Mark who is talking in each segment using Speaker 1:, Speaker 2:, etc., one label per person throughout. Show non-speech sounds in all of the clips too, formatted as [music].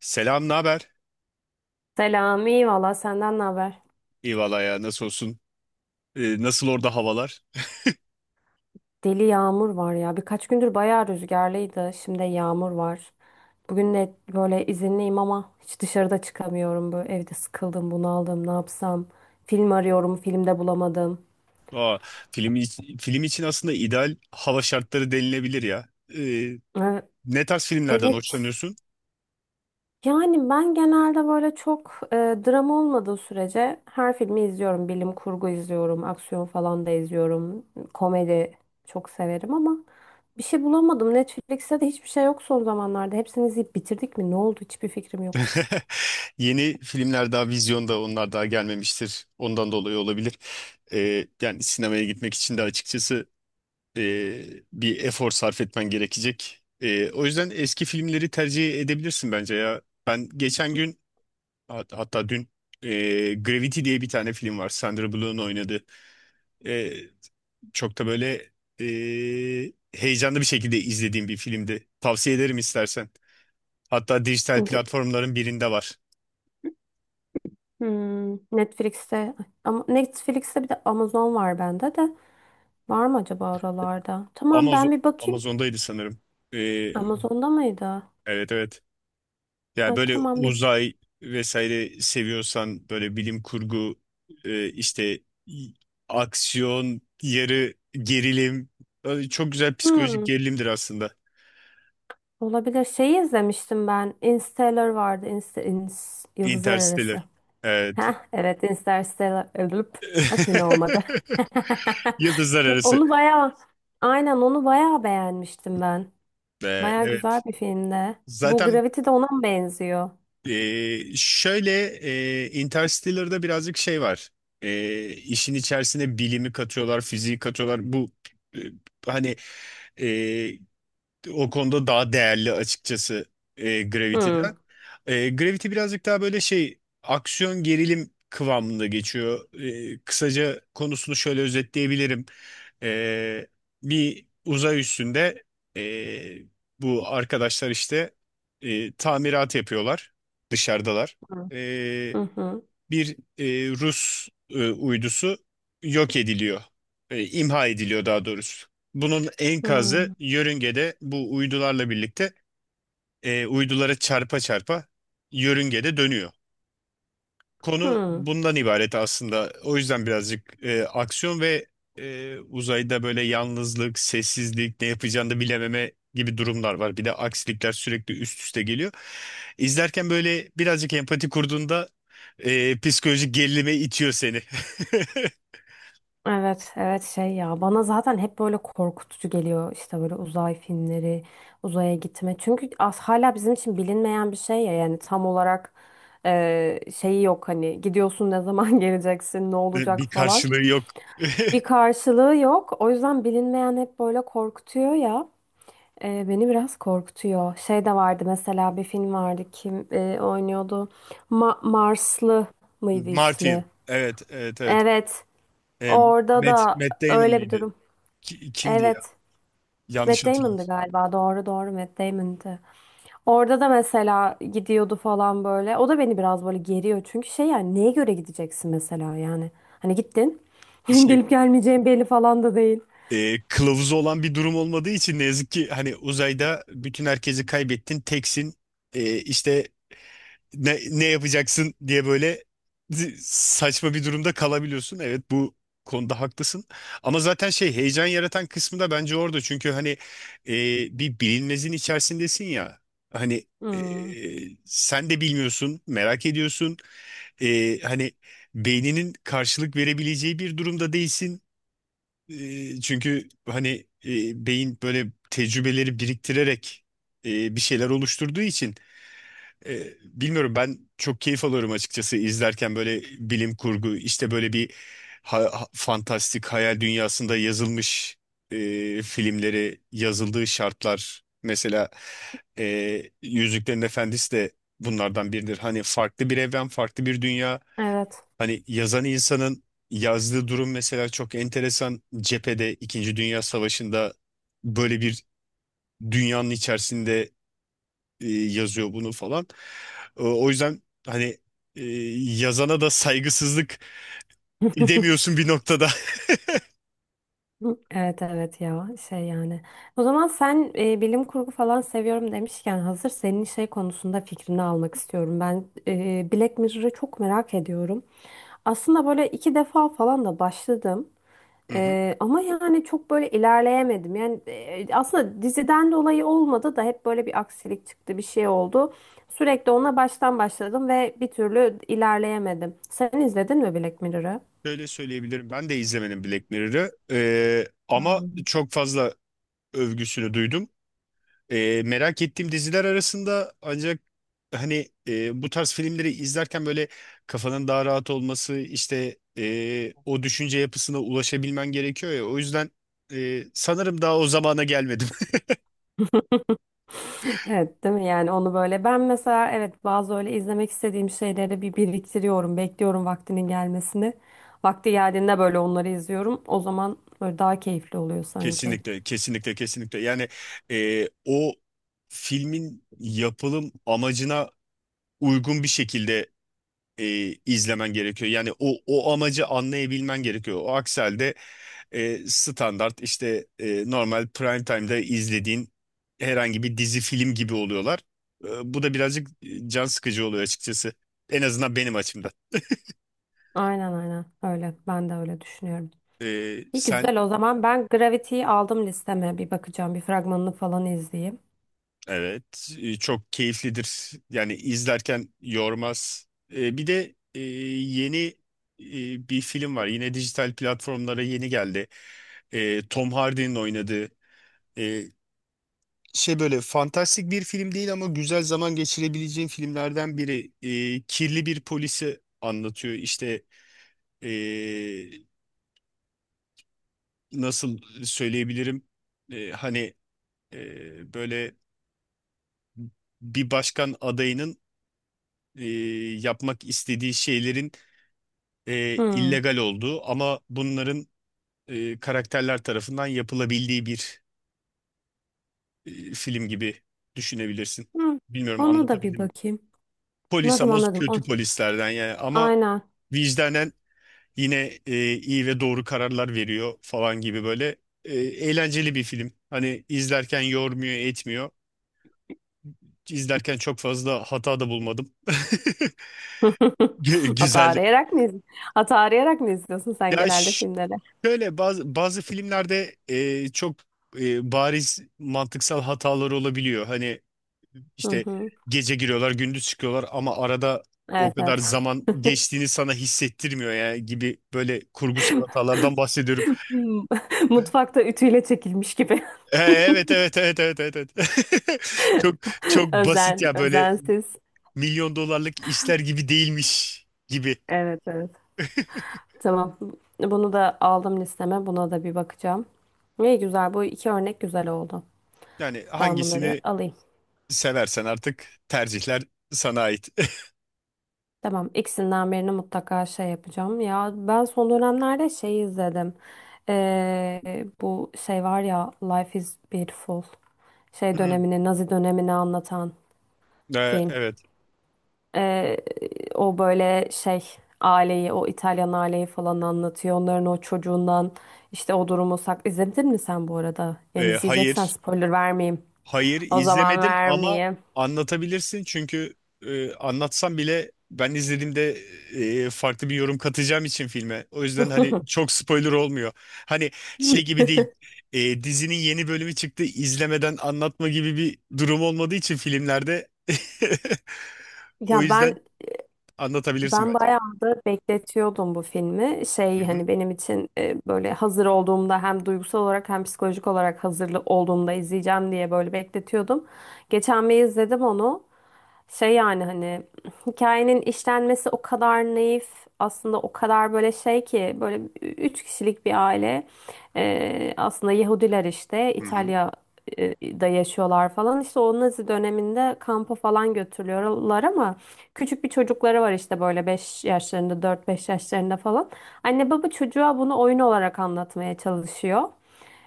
Speaker 1: Selam, ne haber?
Speaker 2: Selam, iyi valla senden ne haber?
Speaker 1: İyi valla ya, nasıl olsun? Nasıl orada havalar?
Speaker 2: Deli yağmur var ya. Birkaç gündür bayağı rüzgarlıydı. Şimdi yağmur var. Bugün de böyle izinliyim ama hiç dışarıda çıkamıyorum. Böyle evde sıkıldım, bunaldım. Ne yapsam? Film arıyorum, filmde bulamadım.
Speaker 1: Aa, film, film için aslında ideal hava şartları denilebilir ya. Ee,
Speaker 2: Ee,
Speaker 1: Ne tarz filmlerden
Speaker 2: Evet.
Speaker 1: hoşlanıyorsun?
Speaker 2: Yani ben genelde böyle çok drama olmadığı sürece her filmi izliyorum. Bilim kurgu izliyorum, aksiyon falan da izliyorum. Komedi çok severim ama bir şey bulamadım. Netflix'te de hiçbir şey yok son zamanlarda. Hepsini izleyip bitirdik mi? Ne oldu? Hiçbir fikrim yok.
Speaker 1: [laughs] Yeni filmler daha vizyonda, onlar daha gelmemiştir. Ondan dolayı olabilir. Yani sinemaya gitmek için de açıkçası bir efor sarf etmen gerekecek. O yüzden eski filmleri tercih edebilirsin bence ya. Ben geçen gün, hatta dün, Gravity diye bir tane film var, Sandra Bullock'un oynadığı. E, Çok da böyle heyecanlı bir şekilde izlediğim bir filmdi. Tavsiye ederim istersen. Hatta dijital
Speaker 2: G-
Speaker 1: platformların birinde var.
Speaker 2: Netflix'te ama Netflix'te bir de Amazon var bende de. Var mı acaba oralarda? Tamam, ben
Speaker 1: Amazon
Speaker 2: bir bakayım.
Speaker 1: Amazon'daydı sanırım. E,
Speaker 2: Amazon'da mıydı?
Speaker 1: evet, evet. Yani
Speaker 2: Ha,
Speaker 1: böyle
Speaker 2: tamam, bir
Speaker 1: uzay vesaire seviyorsan, böyle bilim kurgu, işte, y- aksiyon, yarı gerilim, çok güzel psikolojik
Speaker 2: hmm,
Speaker 1: gerilimdir aslında.
Speaker 2: olabilir. Şeyi izlemiştim ben. Interstellar vardı. Yıldızlar
Speaker 1: Interstellar.
Speaker 2: Arası.
Speaker 1: Evet.
Speaker 2: Heh, evet, Interstellar. Ölüp. Bak yine olmadı.
Speaker 1: [laughs] Yıldızlar
Speaker 2: [laughs]
Speaker 1: Arası.
Speaker 2: Onu bayağı aynen onu bayağı beğenmiştim ben.
Speaker 1: Ve
Speaker 2: Baya güzel
Speaker 1: evet.
Speaker 2: bir filmde. Bu
Speaker 1: Zaten
Speaker 2: Gravity de ona mı benziyor?
Speaker 1: şöyle, Interstellar'da birazcık şey var. İşin içerisine bilimi katıyorlar, fiziği katıyorlar. Bu e, hani e, o konuda daha değerli açıkçası
Speaker 2: Hmm.
Speaker 1: Gravity'den. Gravity birazcık daha böyle şey, aksiyon gerilim kıvamında geçiyor. Kısaca konusunu şöyle özetleyebilirim. E, Bir uzay üstünde e, bu arkadaşlar işte tamirat yapıyorlar, dışarıdalar. E,
Speaker 2: Hı hı.
Speaker 1: Bir Rus uydusu yok ediliyor. İmha ediliyor daha doğrusu. Bunun enkazı
Speaker 2: Hı
Speaker 1: yörüngede bu uydularla birlikte uydulara çarpa çarpa yörüngede dönüyor. Konu
Speaker 2: hı.
Speaker 1: bundan ibaret aslında. O yüzden birazcık aksiyon ve uzayda böyle yalnızlık, sessizlik, ne yapacağını da bilememe gibi durumlar var. Bir de aksilikler sürekli üst üste geliyor. İzlerken böyle birazcık empati kurduğunda psikolojik gerilime itiyor seni.
Speaker 2: Evet, evet, şey ya, bana zaten hep böyle korkutucu geliyor işte böyle uzay filmleri, uzaya gitme. Çünkü az hala bizim için bilinmeyen bir şey ya, yani tam olarak şeyi yok, hani gidiyorsun ne zaman [laughs] geleceksin, ne
Speaker 1: [laughs]
Speaker 2: olacak
Speaker 1: Bir
Speaker 2: falan.
Speaker 1: karşılığı yok. [laughs]
Speaker 2: Bir karşılığı yok. O yüzden bilinmeyen hep böyle korkutuyor ya. E, beni biraz korkutuyor. Şey de vardı, mesela bir film vardı kim oynuyordu? Marslı mıydı ismi?
Speaker 1: Martin. Evet, evet, evet.
Speaker 2: Evet.
Speaker 1: E,
Speaker 2: Orada
Speaker 1: Matt,
Speaker 2: da
Speaker 1: Matt Damon
Speaker 2: öyle bir
Speaker 1: mıydı?
Speaker 2: durum.
Speaker 1: Kimdi ya?
Speaker 2: Evet.
Speaker 1: Yanlış
Speaker 2: Matt Damon'dı
Speaker 1: hatırlamış.
Speaker 2: galiba. Doğru doğru Matt Damon'dı. Orada da mesela gidiyordu falan böyle. O da beni biraz böyle geriyor. Çünkü şey, yani neye göre gideceksin mesela, yani. Hani gittin. [laughs] Gelip gelmeyeceğin belli falan da değil.
Speaker 1: Kılavuzu olan bir durum olmadığı için ne yazık ki, hani uzayda bütün herkesi kaybettin, teksin. İşte ne yapacaksın diye böyle z- saçma bir durumda kalabiliyorsun. Evet, bu konuda haklısın ama zaten şey, heyecan yaratan kısmı da bence orada, çünkü hani e, bir bilinmezin içerisindesin ya, hani e,
Speaker 2: Hmm,
Speaker 1: sen de bilmiyorsun, merak ediyorsun. Hani beyninin karşılık verebileceği bir durumda değilsin, çünkü hani beyin böyle tecrübeleri biriktirerek bir şeyler oluşturduğu için bilmiyorum, ben çok keyif alıyorum açıkçası izlerken. Böyle bilim kurgu, işte böyle bir fantastik hayal dünyasında yazılmış e, filmleri, yazıldığı şartlar mesela Yüzüklerin Efendisi de bunlardan biridir. Hani farklı bir evren, farklı bir dünya.
Speaker 2: evet.
Speaker 1: Hani yazan insanın yazdığı durum mesela çok enteresan. Cephede İkinci Dünya Savaşı'nda böyle bir dünyanın içerisinde yazıyor bunu falan. O yüzden hani e, yazana da saygısızlık edemiyorsun bir noktada. [laughs]
Speaker 2: Hı, evet evet ya, şey yani. O zaman sen bilim kurgu falan seviyorum demişken, hazır senin şey konusunda fikrini almak istiyorum. Ben Black Mirror'ı çok merak ediyorum. Aslında böyle iki defa falan da başladım.
Speaker 1: Hı hı.
Speaker 2: Ama yani çok böyle ilerleyemedim. Yani aslında diziden dolayı olmadı da hep böyle bir aksilik çıktı, bir şey oldu. Sürekli ona baştan başladım ve bir türlü ilerleyemedim. Sen izledin mi Black Mirror'ı?
Speaker 1: Şöyle söyleyebilirim. Ben de izlemedim Black Mirror'ı. Ama çok fazla övgüsünü duydum. Merak ettiğim diziler arasında, ancak hani bu tarz filmleri izlerken böyle kafanın daha rahat olması, işte o düşünce yapısına ulaşabilmen gerekiyor ya, o yüzden sanırım daha o zamana gelmedim.
Speaker 2: [laughs] Evet, değil mi? Yani onu böyle ben mesela, evet, bazı öyle izlemek istediğim şeyleri bir biriktiriyorum, bekliyorum vaktinin gelmesini. Vakti geldiğinde böyle onları izliyorum. O zaman böyle daha keyifli oluyor
Speaker 1: [laughs]
Speaker 2: sanki.
Speaker 1: Kesinlikle, kesinlikle, kesinlikle. Yani o filmin yapılım amacına uygun bir şekilde izlemen gerekiyor. Yani o amacı anlayabilmen gerekiyor. O akselde standart, işte normal prime time'da izlediğin herhangi bir dizi film gibi oluyorlar. Bu da birazcık can sıkıcı oluyor açıkçası. En azından benim açımdan.
Speaker 2: Aynen aynen öyle. Ben de öyle düşünüyorum. İyi
Speaker 1: Sen.
Speaker 2: güzel, o zaman ben Gravity'yi aldım listeme, bir bakacağım, bir fragmanını falan izleyeyim.
Speaker 1: Evet, çok keyiflidir. Yani izlerken yormaz. Bir de yeni bir film var. Yine dijital platformlara yeni geldi. Tom Hardy'nin oynadığı. E, Şey, böyle fantastik bir film değil ama güzel zaman geçirebileceğin filmlerden biri. Kirli bir polisi anlatıyor. İşte, ee, nasıl söyleyebilirim? Hani böyle bir başkan adayının ee, yapmak istediği şeylerin
Speaker 2: Hmm.
Speaker 1: illegal olduğu ama bunların karakterler tarafından yapılabildiği bir film gibi düşünebilirsin.
Speaker 2: Hmm.
Speaker 1: Bilmiyorum,
Speaker 2: Ona da bir
Speaker 1: anlatabildim mi?
Speaker 2: bakayım.
Speaker 1: Polis,
Speaker 2: Anladım
Speaker 1: ama
Speaker 2: anladım.
Speaker 1: kötü polislerden yani, ama
Speaker 2: Aynen.
Speaker 1: vicdanen yine iyi ve doğru kararlar veriyor falan, gibi böyle. Eğlenceli bir film. Hani izlerken yormuyor, etmiyor. İzlerken çok fazla hata da bulmadım. [laughs]
Speaker 2: [laughs] Hata
Speaker 1: Güzeldi.
Speaker 2: arayarak mı izliyorsun? Hata arayarak mı izliyorsun sen
Speaker 1: Ya,
Speaker 2: genelde filmleri?
Speaker 1: şöyle bazı, filmlerde çok bariz mantıksal hataları olabiliyor. Hani
Speaker 2: Hı
Speaker 1: işte
Speaker 2: hı.
Speaker 1: gece giriyorlar, gündüz çıkıyorlar ama arada o
Speaker 2: Evet
Speaker 1: kadar
Speaker 2: evet.
Speaker 1: zaman
Speaker 2: [laughs]
Speaker 1: geçtiğini sana hissettirmiyor ya, gibi böyle kurgusal hatalardan bahsediyorum.
Speaker 2: Hmm. [laughs] Mutfakta ütüyle çekilmiş gibi.
Speaker 1: Evet, evet, evet, evet, evet. Evet. [laughs] Çok çok
Speaker 2: [laughs]
Speaker 1: basit
Speaker 2: Özen,
Speaker 1: ya, böyle
Speaker 2: özensiz.
Speaker 1: milyon dolarlık işler gibi değilmiş gibi.
Speaker 2: Evet evet. Tamam. Bunu da aldım listeme. Buna da bir bakacağım. İyi güzel. Bu iki örnek güzel oldu.
Speaker 1: Yani
Speaker 2: Ben bunları
Speaker 1: hangisini
Speaker 2: alayım.
Speaker 1: seversen artık, tercihler sana ait. [laughs]
Speaker 2: Tamam, ikisinden birini mutlaka şey yapacağım. Ya ben son dönemlerde şey izledim. Bu şey var ya, Life is Beautiful. Şey
Speaker 1: Hmm.
Speaker 2: dönemini, Nazi dönemini anlatan
Speaker 1: E,
Speaker 2: film.
Speaker 1: Evet.
Speaker 2: Ee, o böyle şey, aileyi, o İtalyan aileyi falan anlatıyor. Onların o çocuğundan işte o durumu sak. İzledin mi sen bu arada? Yani izleyeceksen
Speaker 1: Hayır.
Speaker 2: spoiler vermeyeyim.
Speaker 1: Hayır,
Speaker 2: O zaman
Speaker 1: izlemedim ama
Speaker 2: vermeyeyim.
Speaker 1: anlatabilirsin çünkü anlatsam bile ben izlediğimde farklı bir yorum katacağım için filme. O yüzden hani çok spoiler olmuyor. Hani şey
Speaker 2: [laughs]
Speaker 1: gibi değil, dizinin yeni bölümü çıktı izlemeden anlatma gibi bir durum olmadığı için filmlerde. [laughs] O
Speaker 2: Ya
Speaker 1: yüzden
Speaker 2: ben
Speaker 1: anlatabilirsin
Speaker 2: Ben
Speaker 1: bence.
Speaker 2: bayağı da bekletiyordum bu filmi.
Speaker 1: Hı
Speaker 2: Şey,
Speaker 1: hı.
Speaker 2: hani benim için böyle hazır olduğumda hem duygusal olarak hem psikolojik olarak hazırlı olduğumda izleyeceğim diye böyle bekletiyordum. Geçen bir izledim onu. Şey, yani, hani, hikayenin işlenmesi o kadar naif, aslında o kadar böyle şey ki, böyle 3 kişilik bir aile. Aslında Yahudiler işte,
Speaker 1: Hı hı.
Speaker 2: İtalya'da yaşıyorlar falan, işte o Nazi döneminde kampa falan götürüyorlar ama küçük bir çocukları var işte böyle 5 yaşlarında, 4-5 yaşlarında falan, anne baba çocuğa bunu oyun olarak anlatmaya çalışıyor.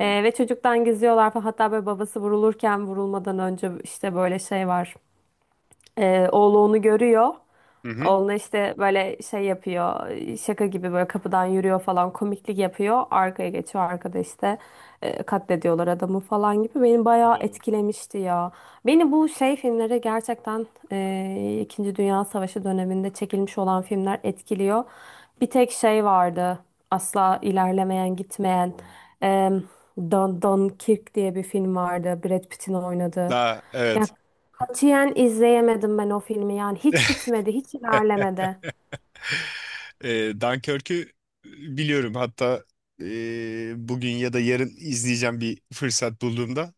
Speaker 2: Ve çocuktan gizliyorlar falan. Hatta böyle babası vurulurken, vurulmadan önce işte böyle şey var. Oğlu onu görüyor.
Speaker 1: Hı hı.
Speaker 2: Oğlu işte böyle şey yapıyor. Şaka gibi böyle kapıdan yürüyor falan, komiklik yapıyor. Arkaya geçiyor, arkada işte katlediyorlar adamı falan gibi. Beni bayağı etkilemişti ya. Beni bu şey filmlere gerçekten, İkinci Dünya Savaşı döneminde çekilmiş olan filmler etkiliyor. Bir tek şey vardı. Asla ilerlemeyen, gitmeyen. E, Dunkirk diye bir film vardı, Brad Pitt'in oynadığı.
Speaker 1: Daha evet.
Speaker 2: Katiyen izleyemedim ben o filmi. Yani hiç
Speaker 1: [laughs]
Speaker 2: bitmedi, hiç ilerlemedi.
Speaker 1: Dunkirk'ü biliyorum. Hatta bugün ya da yarın izleyeceğim bir fırsat bulduğumda.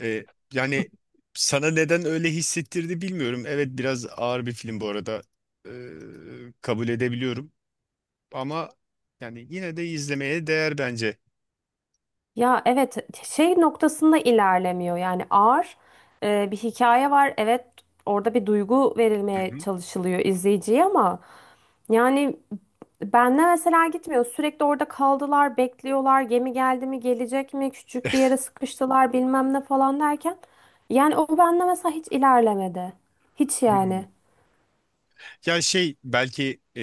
Speaker 1: E, Yani sana neden öyle hissettirdi bilmiyorum. Evet, biraz ağır bir film bu arada. E, Kabul edebiliyorum. Ama yani yine de izlemeye değer bence.
Speaker 2: Ya evet, şey noktasında ilerlemiyor. Yani ağır bir hikaye var. Evet, orada bir duygu
Speaker 1: Hı
Speaker 2: verilmeye
Speaker 1: hı.
Speaker 2: çalışılıyor izleyiciye ama yani benle mesela gitmiyor. Sürekli orada kaldılar, bekliyorlar. Gemi geldi mi, gelecek mi? Küçük bir yere sıkıştılar, bilmem ne falan derken. Yani o benle mesela hiç ilerlemedi. Hiç
Speaker 1: Hmm.
Speaker 2: yani.
Speaker 1: Ya şey, belki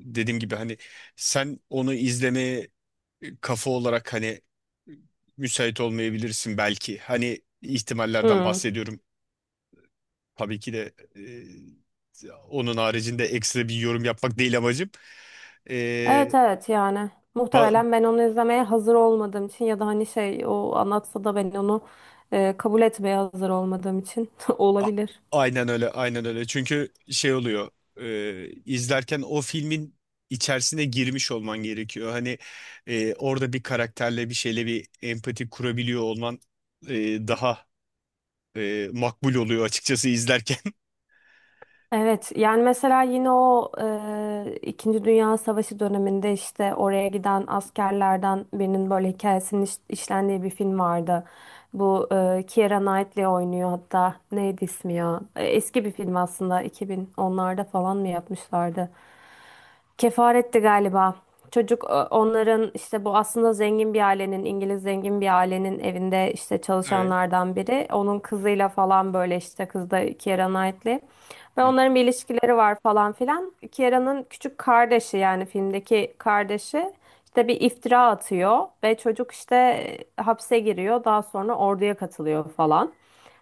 Speaker 1: dediğim gibi hani sen onu izlemeye kafa olarak hani müsait olmayabilirsin belki. Hani ihtimallerden
Speaker 2: Hmm.
Speaker 1: bahsediyorum. Tabii ki de onun haricinde ekstra bir yorum yapmak değil amacım. E,
Speaker 2: Evet evet, yani
Speaker 1: ba-
Speaker 2: muhtemelen ben onu izlemeye hazır olmadığım için, ya da hani şey, o anlatsa da ben onu kabul etmeye hazır olmadığım için [laughs]
Speaker 1: a-
Speaker 2: olabilir.
Speaker 1: aynen öyle, aynen öyle. Çünkü şey oluyor. İzlerken o filmin içerisine girmiş olman gerekiyor. Hani orada bir karakterle bir şeyle bir empati kurabiliyor olman daha makbul oluyor açıkçası izlerken. [laughs]
Speaker 2: Evet, yani mesela yine o İkinci Dünya Savaşı döneminde işte oraya giden askerlerden birinin böyle hikayesinin işlendiği bir film vardı. Bu Keira Knightley oynuyor, hatta neydi ismi ya? E, eski bir film aslında, 2010'larda falan mı yapmışlardı? Kefaretti galiba. Çocuk, onların işte, bu aslında zengin bir ailenin, İngiliz zengin bir ailenin evinde işte
Speaker 1: Evet.
Speaker 2: çalışanlardan biri. Onun kızıyla falan böyle, işte kız da Keira Knightley. Ve
Speaker 1: Hı.
Speaker 2: onların bir ilişkileri var falan filan. Kiera'nın küçük kardeşi, yani filmdeki kardeşi işte bir iftira atıyor ve çocuk işte hapse giriyor. Daha sonra orduya katılıyor falan.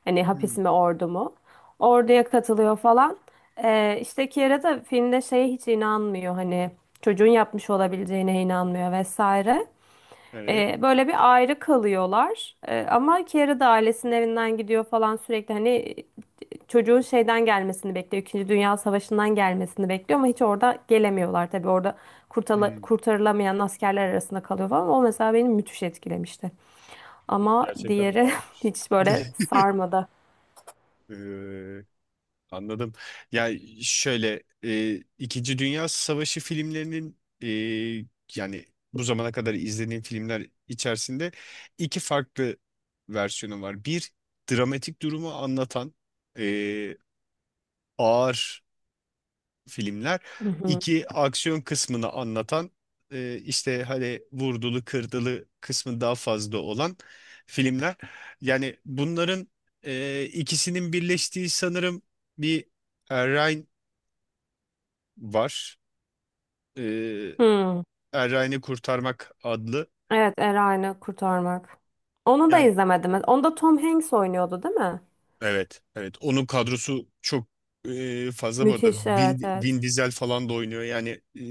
Speaker 2: Hani hapis
Speaker 1: Hı.
Speaker 2: mi, ordu mu? Orduya katılıyor falan. İşte Kiara da filmde şeye hiç inanmıyor, hani çocuğun yapmış olabileceğine inanmıyor vesaire.
Speaker 1: Evet.
Speaker 2: Böyle bir ayrı kalıyorlar. Ama Kiara da ailesinin evinden gidiyor falan, sürekli hani çocuğun şeyden gelmesini bekliyor. İkinci Dünya Savaşı'ndan gelmesini bekliyor ama hiç orada gelemiyorlar tabii. Orada
Speaker 1: Hı.
Speaker 2: kurtarılamayan askerler arasında kalıyor falan. O mesela beni müthiş etkilemişti. Ama
Speaker 1: Gerçekten
Speaker 2: diğeri [laughs]
Speaker 1: ağırmış.
Speaker 2: hiç böyle
Speaker 1: [laughs]
Speaker 2: sarmadı.
Speaker 1: Ee, Anladım. Ya şöyle İkinci Dünya Savaşı filmlerinin, yani bu zamana kadar izlediğim filmler içerisinde, iki farklı versiyonu var. Bir, dramatik durumu anlatan e, ağır filmler.
Speaker 2: Hı hı.
Speaker 1: İki, aksiyon kısmını anlatan işte hani vurdulu kırdılı kısmı daha fazla olan filmler. Yani bunların ikisinin birleştiği sanırım bir Ryan var. Ee,
Speaker 2: Hı.
Speaker 1: Errani Kurtarmak adlı.
Speaker 2: Evet, Erayn'ı kurtarmak. Onu da
Speaker 1: Yani
Speaker 2: izlemedim. Onda Tom Hanks oynuyordu, değil mi?
Speaker 1: evet, evet. Onun kadrosu çok fazla bu arada.
Speaker 2: Müthiş, evet,
Speaker 1: Vin,
Speaker 2: evet.
Speaker 1: Vin Diesel falan da oynuyor. Yani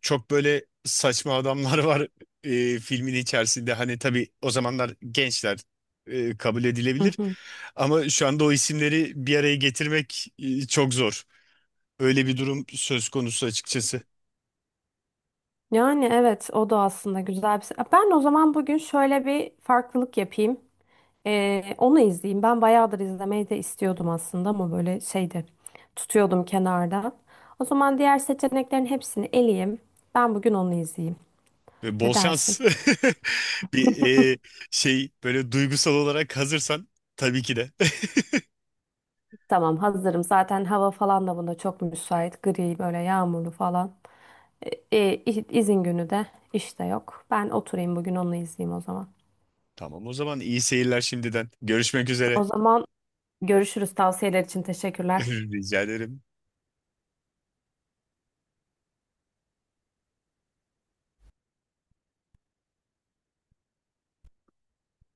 Speaker 1: çok böyle saçma adamlar [laughs] var filmin içerisinde. Hani tabii o zamanlar gençler kabul
Speaker 2: Hı
Speaker 1: edilebilir.
Speaker 2: hı.
Speaker 1: Ama şu anda o isimleri bir araya getirmek çok zor. Öyle bir durum söz konusu açıkçası.
Speaker 2: Yani evet, o da aslında güzel bir... Ben o zaman bugün şöyle bir farklılık yapayım. Onu izleyeyim. Ben bayağıdır izlemeyi de istiyordum aslında ama böyle şeydi, tutuyordum kenarda. O zaman diğer seçeneklerin hepsini eleyeyim. Ben bugün onu izleyeyim.
Speaker 1: Ve
Speaker 2: Ne
Speaker 1: bol
Speaker 2: dersin?
Speaker 1: şans. [laughs] Bir e, şey, böyle duygusal olarak hazırsan tabii ki de. [laughs]
Speaker 2: Tamam, hazırım. Zaten hava falan da buna çok müsait. Gri, böyle yağmurlu falan. E, izin günü de işte yok. Ben oturayım bugün onu izleyeyim o zaman.
Speaker 1: Tamam, o zaman iyi seyirler şimdiden. Görüşmek üzere.
Speaker 2: O zaman görüşürüz. Tavsiyeler için teşekkürler.
Speaker 1: [laughs] Rica ederim.